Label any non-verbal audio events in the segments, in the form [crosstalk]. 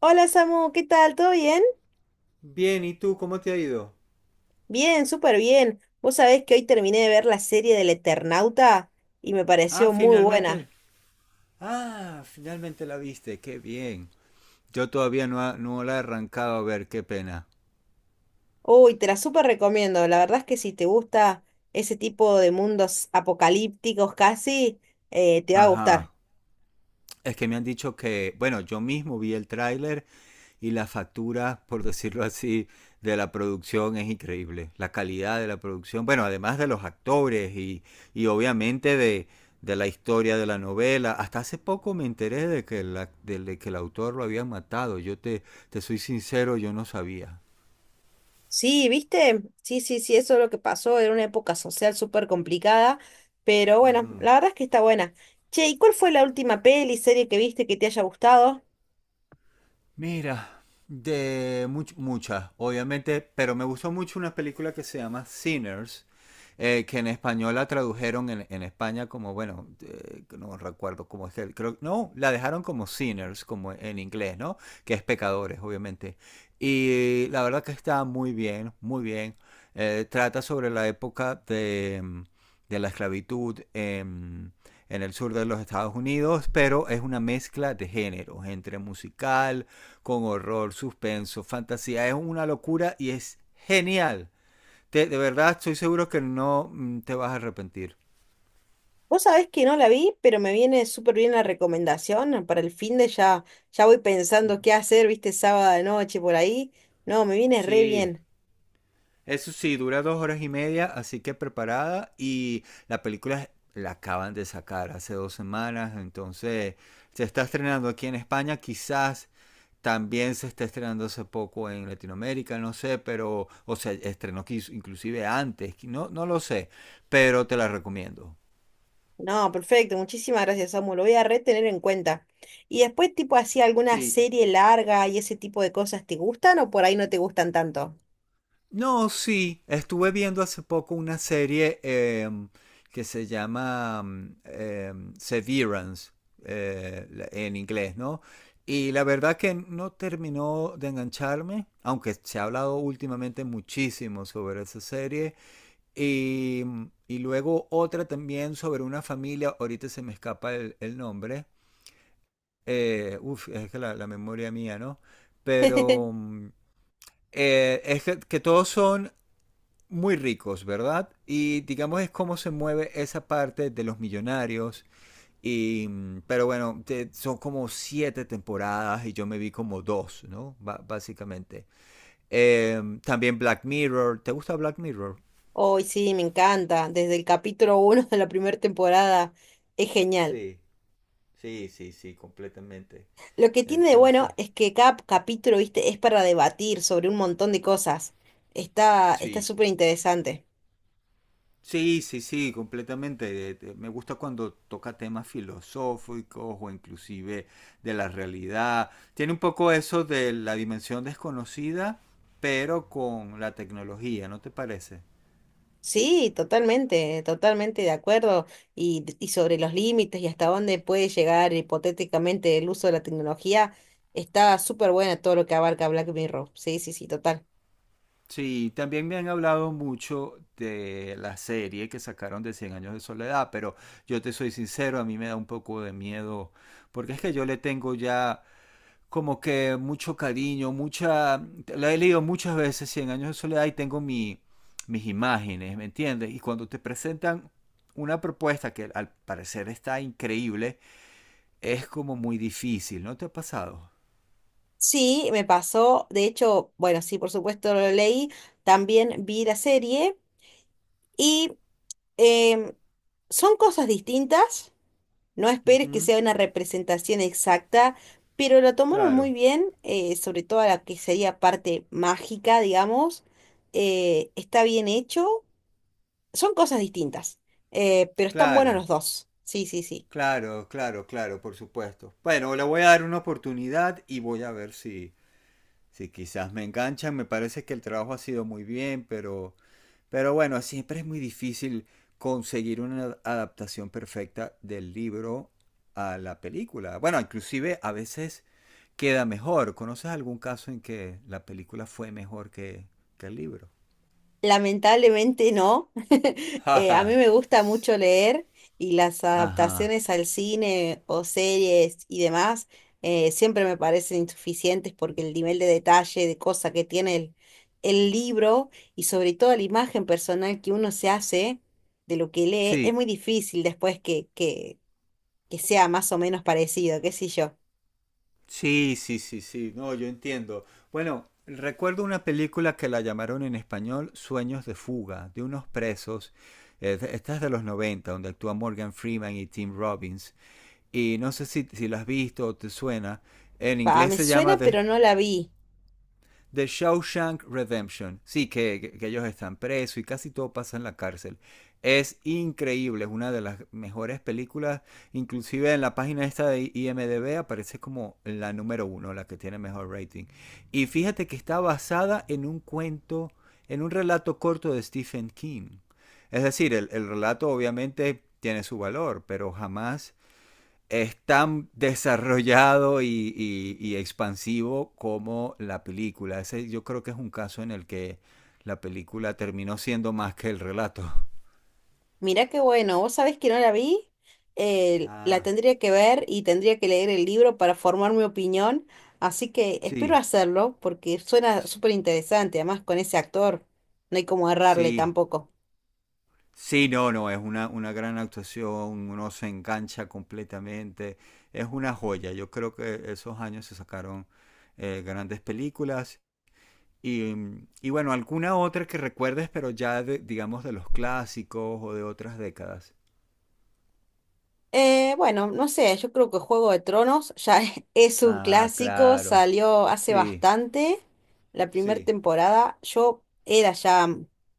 Hola Samu, ¿qué tal? ¿Todo bien? Bien, ¿y tú cómo te ha ido? Bien, súper bien. Vos sabés que hoy terminé de ver la serie del Eternauta y me Ah, pareció muy finalmente. buena. Ah, finalmente la viste, qué bien. Yo todavía no, no la he arrancado a ver, qué pena. Uy, te la súper recomiendo. La verdad es que si te gusta ese tipo de mundos apocalípticos casi, te va a gustar. Ajá. Es que me han dicho que, bueno, yo mismo vi el tráiler y la factura, por decirlo así, de la producción es increíble. La calidad de la producción, bueno, además de los actores y obviamente de la historia de la novela. Hasta hace poco me enteré de que el autor lo habían matado. Te soy sincero, yo no sabía. Sí, ¿viste? Sí, sí, sí, eso es lo que pasó. Era una época social súper complicada, pero bueno, Ujú. la verdad es que está buena. Che, ¿y cuál fue la última peli, serie que viste que te haya gustado? Mira, de muchas, obviamente, pero me gustó mucho una película que se llama Sinners, que en español la tradujeron en España como, bueno, no recuerdo cómo es que, creo, no, la dejaron como Sinners, como en inglés, ¿no? Que es pecadores, obviamente. Y la verdad que está muy bien, muy bien. Trata sobre la época de, de la esclavitud en el sur de los Estados Unidos, pero es una mezcla de géneros, entre musical, con horror, suspenso, fantasía. Es una locura y es genial. De verdad, estoy seguro que no te vas a arrepentir. Vos sabés que no la vi, pero me viene súper bien la recomendación. Para el fin de ya, ya voy pensando qué hacer, viste, sábado de noche por ahí. No, me viene re Sí, bien. eso sí, dura dos horas y media, así que preparada. Y la película la acaban de sacar hace dos semanas, entonces se está estrenando aquí en España, quizás también se está estrenando hace poco en Latinoamérica, no sé, pero, o sea, estrenó inclusive antes, no, no lo sé, pero te la recomiendo. No, perfecto, muchísimas gracias, Samu. Lo voy a re tener en cuenta. Y después, tipo así, alguna Sí, serie larga y ese tipo de cosas, ¿te gustan o por ahí no te gustan tanto? no, sí, estuve viendo hace poco una serie que se llama Severance, en inglés, ¿no? Y la verdad que no terminó de engancharme, aunque se ha hablado últimamente muchísimo sobre esa serie. Y luego otra también sobre una familia, ahorita se me escapa el nombre. Es que la memoria mía, ¿no? Pero [laughs] mm, es que todos son muy ricos, ¿verdad? Y digamos es cómo se mueve esa parte de los millonarios. Y, pero bueno, son como siete temporadas y yo me vi como dos, ¿no? Básicamente. También Black Mirror. ¿Te gusta Black Mirror? Hoy sí, me encanta. Desde el capítulo uno de la primera temporada, es genial. Sí, sí, sí, sí, completamente. Lo que tiene de bueno Entonces, es que cada capítulo, viste, es para debatir sobre un montón de cosas. Está sí. súper interesante. Sí, sí, sí, completamente. Me gusta cuando toca temas filosóficos o inclusive de la realidad. Tiene un poco eso de la dimensión desconocida, pero con la tecnología, ¿no te parece? Sí, totalmente, totalmente de acuerdo. Y sobre los límites y hasta dónde puede llegar hipotéticamente el uso de la tecnología, está súper buena todo lo que abarca Black Mirror. Sí, sí, sí, total. Sí, también me han hablado mucho de la serie que sacaron de Cien años de soledad, pero yo te soy sincero, a mí me da un poco de miedo, porque es que yo le tengo ya como que mucho cariño, mucha... La he leído muchas veces, Cien años de soledad, y tengo mis imágenes, ¿me entiendes? Y cuando te presentan una propuesta que al parecer está increíble, es como muy difícil, ¿no te ha pasado? Sí, me pasó. De hecho, bueno, sí, por supuesto lo leí. También vi la serie y em, son cosas distintas. No esperes que Ujú, sea una representación exacta, pero lo tomaron muy claro, bien, sobre todo a la que sería parte mágica, digamos. Está bien hecho. Son cosas distintas, pero están buenos claro, los dos. Sí, sí, sí. claro, claro, claro, por supuesto. Bueno, le voy a dar una oportunidad y voy a ver si, si quizás me enganchan. Me parece que el trabajo ha sido muy bien, pero bueno, siempre es muy difícil conseguir una adaptación perfecta del libro a la película. Bueno, inclusive a veces queda mejor. ¿Conoces algún caso en que la película fue mejor que el libro? Lamentablemente no. [laughs] A mí me [laughs] gusta mucho leer y las Ajá. adaptaciones al cine o series y demás siempre me parecen insuficientes porque el nivel de detalle, de cosa que tiene el libro y sobre todo la imagen personal que uno se hace de lo que lee es Sí, muy difícil después que sea más o menos parecido, qué sé yo. sí, sí, sí, sí. No, yo entiendo. Bueno, recuerdo una película que la llamaron en español Sueños de fuga, de unos presos. Esta es de los 90 donde actúa Morgan Freeman y Tim Robbins. Y no sé si, si lo has visto o te suena. En Pa, inglés me se llama suena pero no la vi. The Shawshank Redemption. Sí, que ellos están presos y casi todo pasa en la cárcel. Es increíble, es una de las mejores películas. Inclusive en la página esta de IMDB aparece como la número uno, la que tiene mejor rating. Y fíjate que está basada en un cuento, en un relato corto de Stephen King. Es decir, el relato obviamente tiene su valor, pero jamás es tan desarrollado y expansivo como la película. Ese yo creo que es un caso en el que la película terminó siendo más que el relato. [laughs] Mirá qué bueno, vos sabés que no la vi, la Ah, tendría que ver y tendría que leer el libro para formar mi opinión, así que espero sí, hacerlo porque suena súper interesante, además con ese actor no hay como errarle sí, tampoco. sí, no, no, es una gran actuación, uno se engancha completamente, es una joya. Yo creo que esos años se sacaron grandes películas. Y, y bueno, alguna otra que recuerdes, pero ya digamos de los clásicos o de otras décadas. Bueno, no sé, yo creo que Juego de Tronos ya [laughs] es un Ah, clásico, claro. salió hace Sí, bastante, la primera sí, temporada. Yo era ya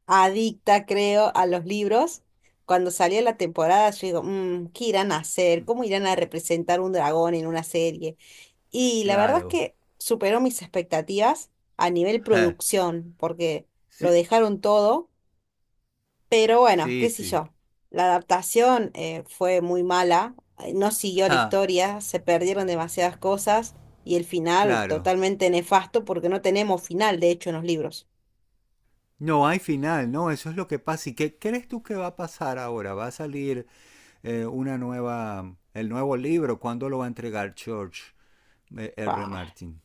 adicta, creo, a los libros. Cuando salió la temporada, yo digo, "Mm, ¿qué irán a hacer? ¿Cómo irán a representar un dragón en una serie?" Y la verdad es claro. que superó mis expectativas a nivel Ja. producción, porque lo Sí, dejaron todo. Pero bueno, sí, qué sé sí. yo. La adaptación fue muy mala, no siguió la Ja, historia, se perdieron demasiadas cosas y el final claro. totalmente nefasto porque no tenemos final, de hecho, en los libros. No hay final, no, eso es lo que pasa. ¿Y qué crees tú que va a pasar ahora? ¿Va a salir una nueva, el nuevo libro? ¿Cuándo lo va a entregar George R. Bah. Martin?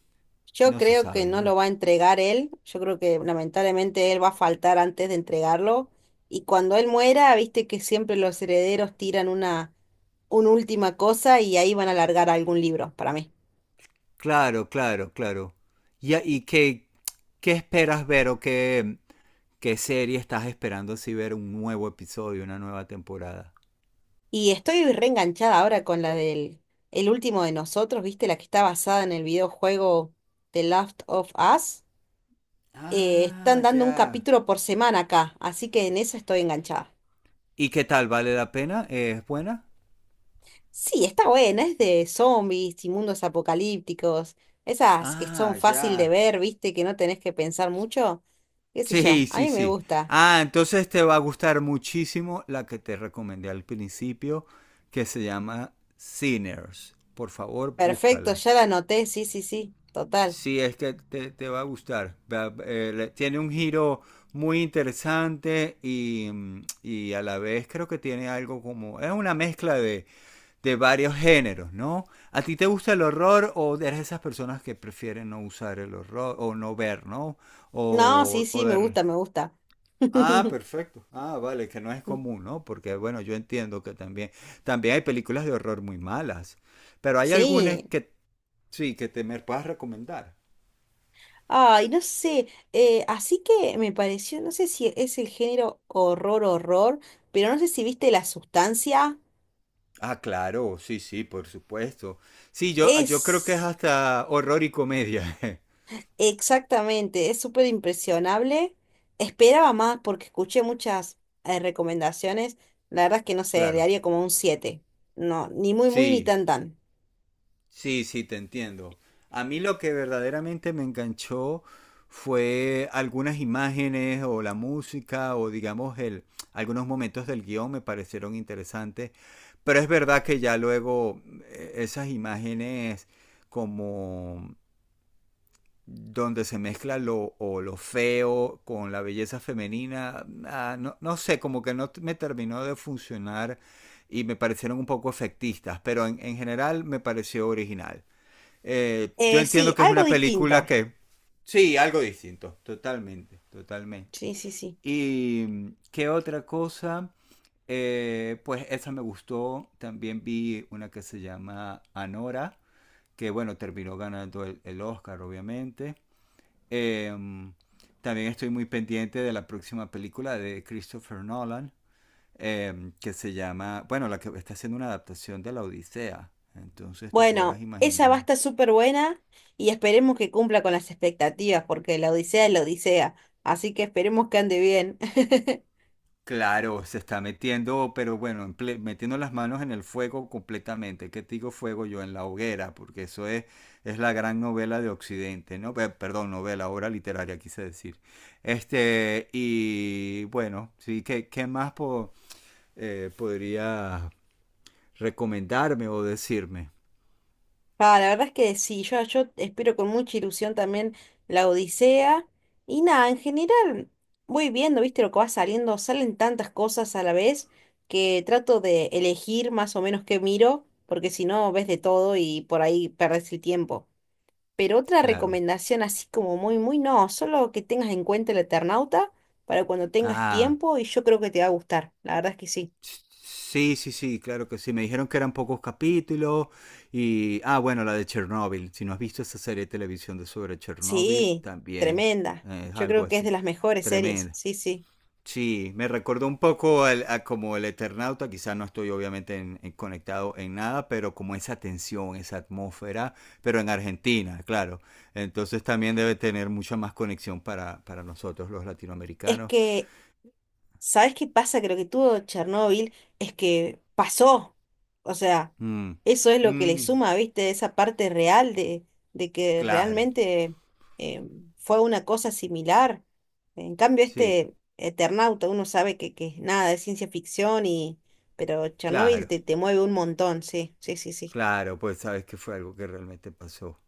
Yo No se creo que sabe, no ¿no? lo va a entregar él, yo creo que lamentablemente él va a faltar antes de entregarlo y cuando él muera, viste que siempre los herederos tiran una última cosa y ahí van a largar algún libro para mí. Claro, claro, claro. ¿Y qué esperas ver o qué, qué serie estás esperando si ver un nuevo episodio, una nueva temporada? Y estoy reenganchada ahora con la del El último de nosotros, ¿viste? La que está basada en el videojuego The Last of Us. Están Ah, dando un ya. capítulo por semana acá, así que en esa estoy enganchada. ¿Y qué tal? ¿Vale la pena? ¿Es buena? Sí, está buena, es de zombies y mundos apocalípticos, esas que son Ah, fácil de ya. ver, ¿viste? Que no tenés que pensar mucho. ¿Qué sé yo? Sí, A sí, mí me sí. gusta. Ah, entonces te va a gustar muchísimo la que te recomendé al principio, que se llama Sinners. Por favor, Perfecto, búscala. ya la anoté, sí, sí, sí, total. Sí, es que te va a gustar. Tiene un giro muy interesante y, y a la vez creo que tiene algo como... Es una mezcla de varios géneros, ¿no? ¿A ti te gusta el horror o eres de esas personas que prefieren no usar el horror o no ver, ¿no? No, sí, O sí, me de... gusta, me gusta. Ah, [laughs] perfecto. Ah, vale, que no es común, ¿no? Porque bueno, yo entiendo que también, también hay películas de horror muy malas, pero hay algunas Sí. que sí, que te me puedas recomendar. Ay, no sé, así que me pareció, no sé si es el género horror, horror, pero no sé si viste La Sustancia. Ah, claro, sí, sí, por supuesto. Sí, yo creo que es Es hasta horror y comedia. [laughs] exactamente, es súper impresionable. Esperaba más porque escuché muchas recomendaciones. La verdad es que no sé, le Claro, haría como un siete. No, ni muy, muy, ni sí. tan, tan. Sí, sí, te entiendo. A mí lo que verdaderamente me enganchó fue algunas imágenes o la música o digamos algunos momentos del guión me parecieron interesantes, pero es verdad que ya luego esas imágenes como donde se mezcla lo, o lo feo con la belleza femenina, ah, no, no sé, como que no t- me terminó de funcionar y me parecieron un poco efectistas, pero en general me pareció original yo Sí, entiendo que es algo una distinto. película que... Sí, algo distinto, totalmente, totalmente. Sí, sí, sí. ¿Y qué otra cosa? Pues esa me gustó. También vi una que se llama Anora, que bueno, terminó ganando el Oscar, obviamente. Eh, También estoy muy pendiente de la próxima película de Christopher Nolan, que se llama, bueno, la que está haciendo una adaptación de La Odisea. Entonces te podrás Bueno, esa va a imaginar estar súper buena y esperemos que cumpla con las expectativas, porque la Odisea es la Odisea, así que esperemos que ande bien. [laughs] claro, se está metiendo, pero bueno, en metiendo las manos en el fuego completamente. ¿Qué te digo fuego yo? En la hoguera, porque eso es la gran novela de Occidente, ¿no? Perdón, novela, obra literaria, quise decir. Este, y bueno, sí, ¿qué más podría recomendarme o decirme? Ah, la verdad es que sí, yo espero con mucha ilusión también la Odisea. Y nada, en general voy viendo, viste lo que va saliendo, salen tantas cosas a la vez que trato de elegir más o menos qué miro, porque si no ves de todo y por ahí perdés el tiempo. Pero otra Claro. recomendación así como muy, muy no, solo que tengas en cuenta el Eternauta para cuando tengas Ah. tiempo y yo creo que te va a gustar, la verdad es que sí. Sí, sí, sí, claro que sí. Me dijeron que eran pocos capítulos y... Ah, bueno, la de Chernobyl. Si no has visto esa serie de televisión de sobre Chernobyl, Sí, también tremenda. Es Yo algo creo que es de así. las mejores series, Tremendo. sí, sí. Sí, me recordó un poco a como el Eternauta. Quizás no estoy obviamente en conectado en nada, pero como esa tensión, esa atmósfera, pero en Argentina, claro. Entonces también debe tener mucha más conexión para nosotros los Es latinoamericanos. que ¿sabes qué pasa? Creo que tuvo Chernóbil es que pasó. O sea, Mm, eso es lo que le mm, suma, ¿viste? Esa parte real de que claro, realmente eh, fue una cosa similar. En cambio, sí. este Eternauta, uno sabe que es nada, es ciencia ficción y... Pero Chernóbil Claro, te, te mueve un montón, sí, sí, sí, sí, claro, pues sabes que fue algo que realmente pasó.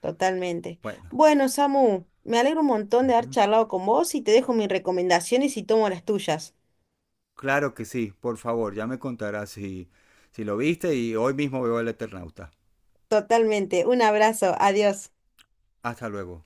totalmente. Bueno, Bueno, Samu, me alegro un montón de haber ujú, charlado con vos y te dejo mis recomendaciones y tomo las tuyas. claro que sí, por favor, ya me contarás si, si lo viste y hoy mismo veo el Eternauta. Totalmente. Un abrazo. Adiós. Hasta luego.